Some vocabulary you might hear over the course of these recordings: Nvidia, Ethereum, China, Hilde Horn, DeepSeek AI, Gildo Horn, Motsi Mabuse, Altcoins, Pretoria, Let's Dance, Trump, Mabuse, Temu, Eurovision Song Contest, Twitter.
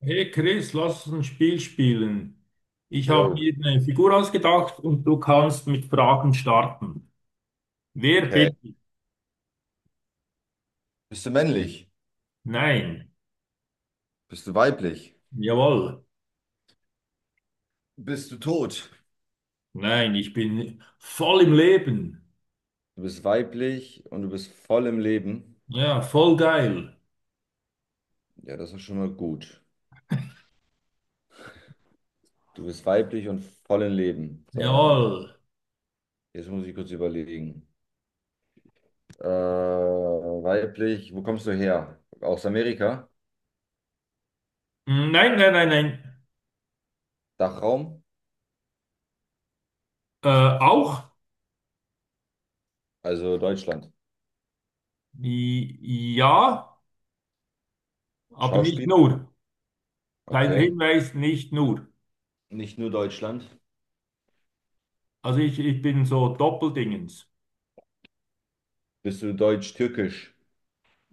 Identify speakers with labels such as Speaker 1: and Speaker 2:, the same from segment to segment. Speaker 1: Hey Chris, lass uns ein Spiel spielen. Ich habe
Speaker 2: Jo,
Speaker 1: mir eine Figur ausgedacht und du kannst mit Fragen starten. Wer
Speaker 2: okay.
Speaker 1: bin ich?
Speaker 2: Bist du männlich?
Speaker 1: Nein.
Speaker 2: Bist du weiblich?
Speaker 1: Jawohl.
Speaker 2: Bist du tot?
Speaker 1: Nein, ich bin voll im Leben.
Speaker 2: Du bist weiblich und du bist voll im Leben.
Speaker 1: Ja, voll geil.
Speaker 2: Ja, das ist schon mal gut. Du bist weiblich und voll im Leben. So, warte mal.
Speaker 1: Jawohl.
Speaker 2: Jetzt muss ich kurz überlegen. Weiblich, wo kommst du her? Aus Amerika?
Speaker 1: Nein, nein, nein, nein.
Speaker 2: Dachraum?
Speaker 1: Äh, Auch?
Speaker 2: Also Deutschland.
Speaker 1: Ja, aber nicht
Speaker 2: Schauspiel?
Speaker 1: nur. Kleiner
Speaker 2: Okay.
Speaker 1: Hinweis, nicht nur.
Speaker 2: Nicht nur Deutschland.
Speaker 1: Also ich bin so Doppeldingens.
Speaker 2: Bist du deutsch-türkisch?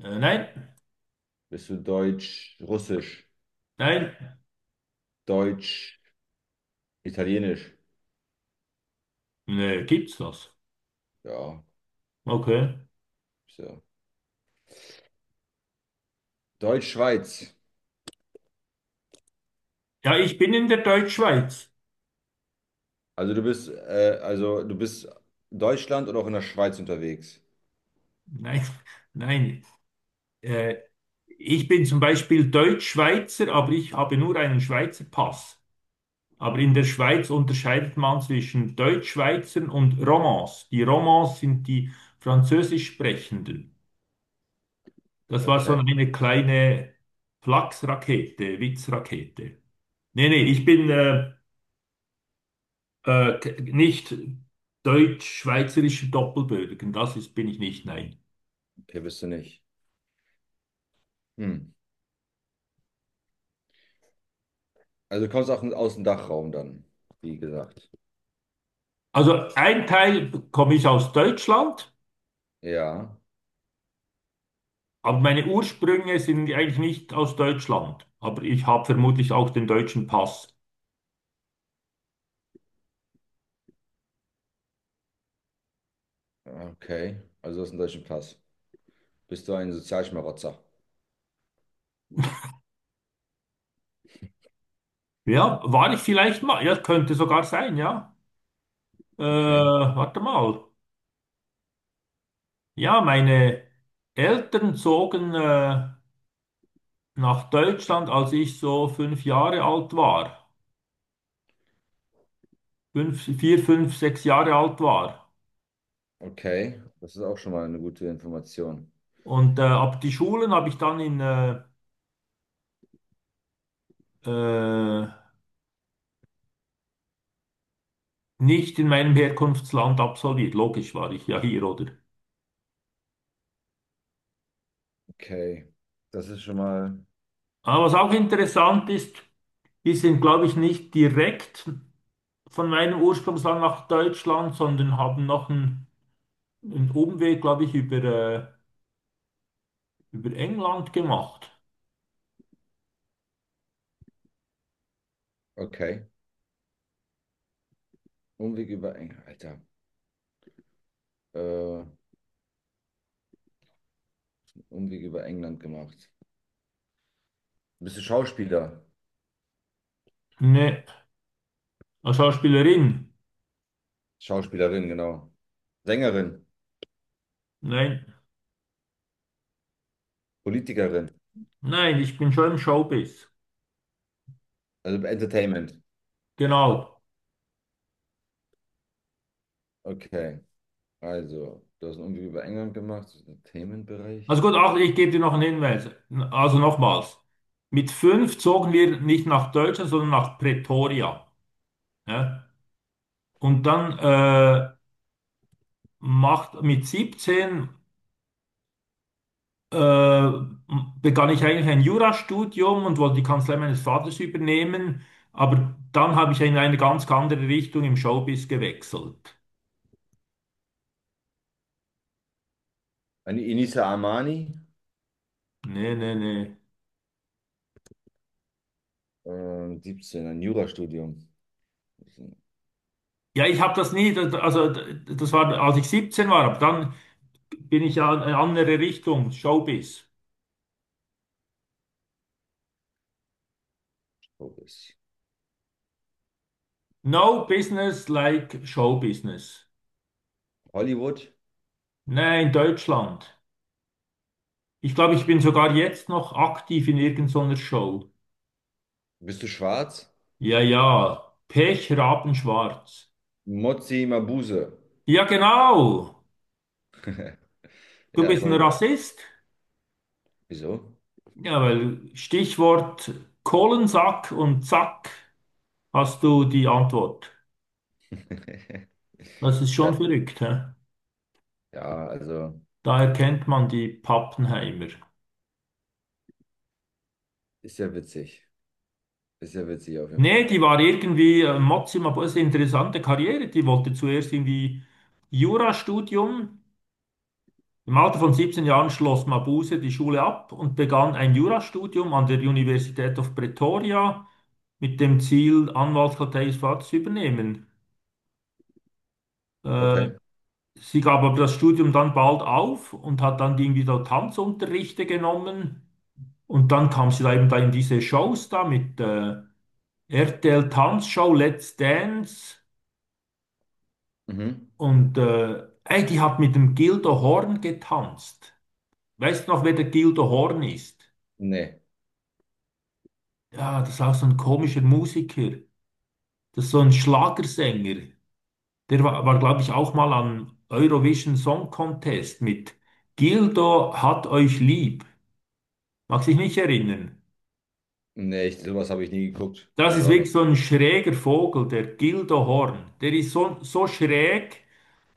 Speaker 1: Nein,
Speaker 2: Bist du deutsch-russisch?
Speaker 1: nein.
Speaker 2: Deutsch-italienisch?
Speaker 1: Nee, gibt's das?
Speaker 2: Ja,
Speaker 1: Okay.
Speaker 2: so. Deutsch-Schweiz.
Speaker 1: Ja, ich bin in der Deutschschweiz.
Speaker 2: Also du bist Deutschland oder auch in der Schweiz unterwegs.
Speaker 1: Nein, nein. Äh, Ich bin zum Beispiel Deutschschweizer, aber ich habe nur einen Schweizer Pass. Aber in der Schweiz unterscheidet man zwischen Deutschschweizern und Romans. Die Romans sind die Französisch Sprechenden. Das war so
Speaker 2: Okay,
Speaker 1: eine kleine Flachsrakete, Witzrakete. Nee, nee, ich bin nicht deutsch-schweizerischer Doppelbürger. Das ist, bin ich nicht, nein.
Speaker 2: okay, bist du nicht. Hm. Also du kommst auch aus dem Dachraum dann, wie gesagt.
Speaker 1: Also ein Teil komme ich aus Deutschland,
Speaker 2: Ja,
Speaker 1: aber meine Ursprünge sind eigentlich nicht aus Deutschland. Aber ich habe vermutlich auch den deutschen Pass.
Speaker 2: okay. Also du hast einen deutschen Pass. Bist du ein Sozialschmarotzer?
Speaker 1: Ja, war ich vielleicht mal? Ja, könnte sogar sein, ja.
Speaker 2: Okay,
Speaker 1: Warte mal. Ja, meine Eltern zogen nach Deutschland, als ich so 5 Jahre alt war. Fünf, vier, fünf, 6 Jahre alt war.
Speaker 2: okay. Das ist auch schon mal eine gute Information.
Speaker 1: Und ab die Schulen habe ich dann in äh, nicht in meinem Herkunftsland absolviert. Logisch war ich ja hier, oder?
Speaker 2: Okay, das ist schon mal.
Speaker 1: Aber was auch interessant ist, die sind, glaube ich, nicht direkt von meinem Ursprungsland nach Deutschland, sondern haben noch einen Umweg, glaube ich, über England gemacht.
Speaker 2: Okay. Umweg über England, Alter. Äh, Umweg über England gemacht. Bist du Schauspieler?
Speaker 1: Ne, als Schauspielerin.
Speaker 2: Schauspielerin, genau. Sängerin.
Speaker 1: Nein,
Speaker 2: Politikerin,
Speaker 1: nein, ich bin schon im Showbiz.
Speaker 2: also Entertainment.
Speaker 1: Genau.
Speaker 2: Okay, also, du hast einen Umweg über England gemacht, das ist Entertainment-Bereich.
Speaker 1: Also gut, ach, ich gebe dir noch einen Hinweis. Also nochmals. Mit fünf zogen wir nicht nach Deutschland, sondern nach Pretoria. Ja? Und dann macht mit 17 äh, begann ich eigentlich ein Jurastudium und wollte die Kanzlei meines Vaters übernehmen, aber dann habe ich in eine ganz andere Richtung im Showbiz gewechselt.
Speaker 2: An Inisa Amani,
Speaker 1: Nee, nee, nee.
Speaker 2: 17, ein Jurastudium. Das ist ein
Speaker 1: Ja, ich habe das nie, also das war, als ich 17 war, aber dann bin ich ja in eine andere Richtung, Showbiz.
Speaker 2: Showbiz.
Speaker 1: No business like Showbusiness.
Speaker 2: Hollywood,
Speaker 1: Nein, in Deutschland. Ich glaube, ich bin sogar jetzt noch aktiv in irgendeiner Show.
Speaker 2: bist du schwarz?
Speaker 1: Ja, ja. Pech, Rabenschwarz.
Speaker 2: Motsi Mabuse.
Speaker 1: Ja, genau. Du
Speaker 2: Ja,
Speaker 1: bist ein
Speaker 2: sauber.
Speaker 1: Rassist.
Speaker 2: Wieso?
Speaker 1: Ja, weil Stichwort Kohlensack und Zack hast du die Antwort. Das ist
Speaker 2: Ja,
Speaker 1: schon verrückt, hä?
Speaker 2: ja, also,
Speaker 1: Da erkennt man die Pappenheimer.
Speaker 2: ist ja witzig. Ist ja witzig auf jeden
Speaker 1: Nee,
Speaker 2: Fall.
Speaker 1: die war irgendwie Mozima, aber es ist eine interessante Karriere. Die wollte zuerst irgendwie Jurastudium. Im Alter von 17 Jahren schloss Mabuse die Schule ab und begann ein Jurastudium an der Universität of Pretoria, mit dem Ziel, Anwaltskanzlei ihres Vaters zu übernehmen. Äh,
Speaker 2: Okay.
Speaker 1: Sie gab aber das Studium dann bald auf und hat dann irgendwie so Tanzunterrichte genommen. Und dann kam sie da eben da in diese Shows da mit RTL Tanzshow, Let's Dance
Speaker 2: Mhm.
Speaker 1: und ey, die hat mit dem Gildo Horn getanzt. Weißt du noch, wer der Gildo Horn ist?
Speaker 2: Nee.
Speaker 1: Ja, das ist auch so ein komischer Musiker. Das ist so ein Schlagersänger. Der war, glaube ich, auch mal am Eurovision Song Contest mit Gildo hat euch lieb. Mag sich nicht erinnern.
Speaker 2: Nee, ich, sowas habe ich nie geguckt.
Speaker 1: Das
Speaker 2: Also
Speaker 1: ist
Speaker 2: habe
Speaker 1: wirklich
Speaker 2: ich.
Speaker 1: so ein schräger Vogel, der Gildo Horn. Der ist so, so schräg,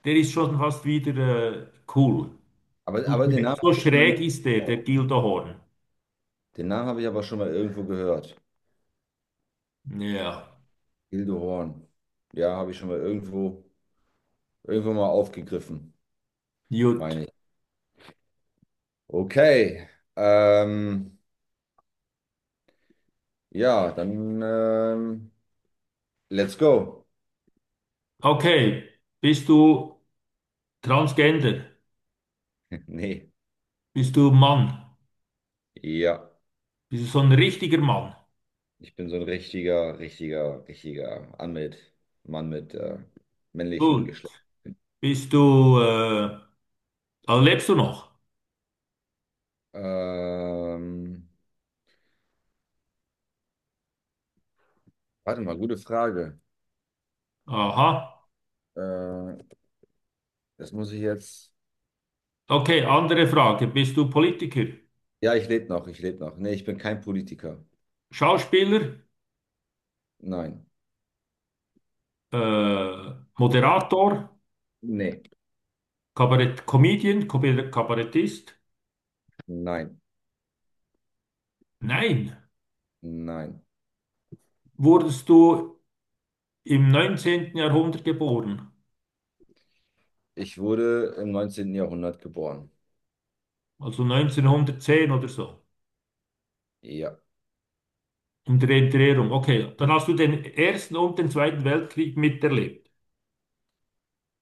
Speaker 1: der ist schon fast wieder cool.
Speaker 2: Aber den Namen
Speaker 1: So
Speaker 2: habe ich schon mal.
Speaker 1: schräg ist der Gildo Horn.
Speaker 2: Den Namen habe ich aber schon mal irgendwo gehört.
Speaker 1: Ja,
Speaker 2: Hilde Horn. Ja, habe ich schon mal irgendwo, irgendwo mal aufgegriffen,
Speaker 1: gut.
Speaker 2: meine ich. Okay. Ähm, ja, dann let's go.
Speaker 1: Okay, bist du Transgender?
Speaker 2: Nee.
Speaker 1: Bist du Mann?
Speaker 2: Ja.
Speaker 1: Bist du so ein richtiger Mann?
Speaker 2: Ich bin so ein richtiger Anmit, Mann mit männlichen
Speaker 1: Gut.
Speaker 2: Geschlecht.
Speaker 1: Bist du, also lebst du noch?
Speaker 2: Ähm, Warte mal, gute Frage.
Speaker 1: Aha.
Speaker 2: Äh, das muss ich jetzt.
Speaker 1: Okay, andere Frage. Bist du Politiker,
Speaker 2: Ja, ich lebe noch. Nee, ich bin kein Politiker.
Speaker 1: Schauspieler,
Speaker 2: Nein.
Speaker 1: Moderator,
Speaker 2: Nee.
Speaker 1: Kabarett Comedian, Kabarettist?
Speaker 2: Nein.
Speaker 1: Nein.
Speaker 2: Nein.
Speaker 1: Wurdest du im 19. Jahrhundert geboren?
Speaker 2: Ich wurde im 19. Jahrhundert geboren.
Speaker 1: Also 1910 oder so?
Speaker 2: Ja.
Speaker 1: Um die Drehung. Okay, dann hast du den Ersten und den Zweiten Weltkrieg miterlebt.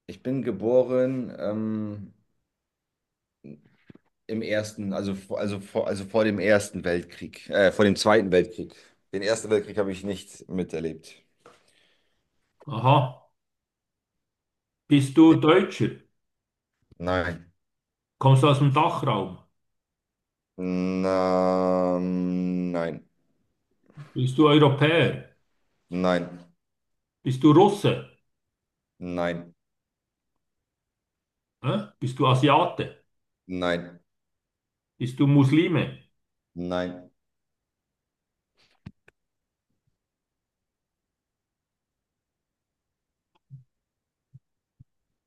Speaker 2: Ich bin geboren im ersten, also, also vor dem Ersten Weltkrieg, vor dem Zweiten Weltkrieg. Den Ersten Weltkrieg habe ich nicht miterlebt.
Speaker 1: Aha. Bist du
Speaker 2: Den-
Speaker 1: Deutscher?
Speaker 2: Nein.
Speaker 1: Kommst du aus dem Dachraum?
Speaker 2: Na, nein.
Speaker 1: Bist du Europäer?
Speaker 2: Nein.
Speaker 1: Bist du Russe?
Speaker 2: Nein.
Speaker 1: Hä? Bist du Asiate?
Speaker 2: Nein.
Speaker 1: Bist du Muslime?
Speaker 2: Nein.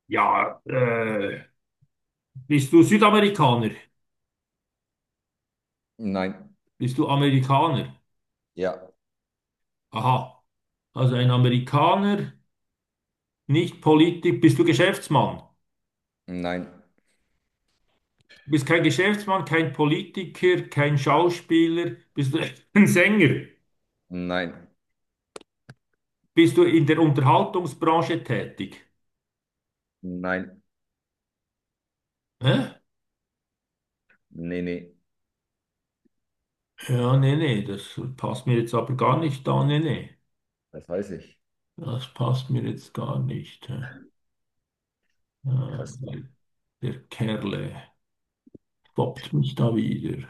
Speaker 1: Ja, bist du Südamerikaner?
Speaker 2: Nein.
Speaker 1: Bist du Amerikaner?
Speaker 2: Ja,
Speaker 1: Aha. Also ein Amerikaner, nicht Politik. Bist du Geschäftsmann?
Speaker 2: nein,
Speaker 1: Du bist kein Geschäftsmann, kein Politiker, kein Schauspieler. Bist du ein Sänger?
Speaker 2: nein,
Speaker 1: Bist du in der Unterhaltungsbranche tätig?
Speaker 2: nein,
Speaker 1: Hä?
Speaker 2: nee, nee,
Speaker 1: Ja, nee, nee, das passt mir jetzt aber gar nicht da. Nee, nee.
Speaker 2: das weiß ich.
Speaker 1: Das passt mir jetzt gar nicht. Hä? Ah,
Speaker 2: Krass.
Speaker 1: Der Kerle stoppt mich da wieder.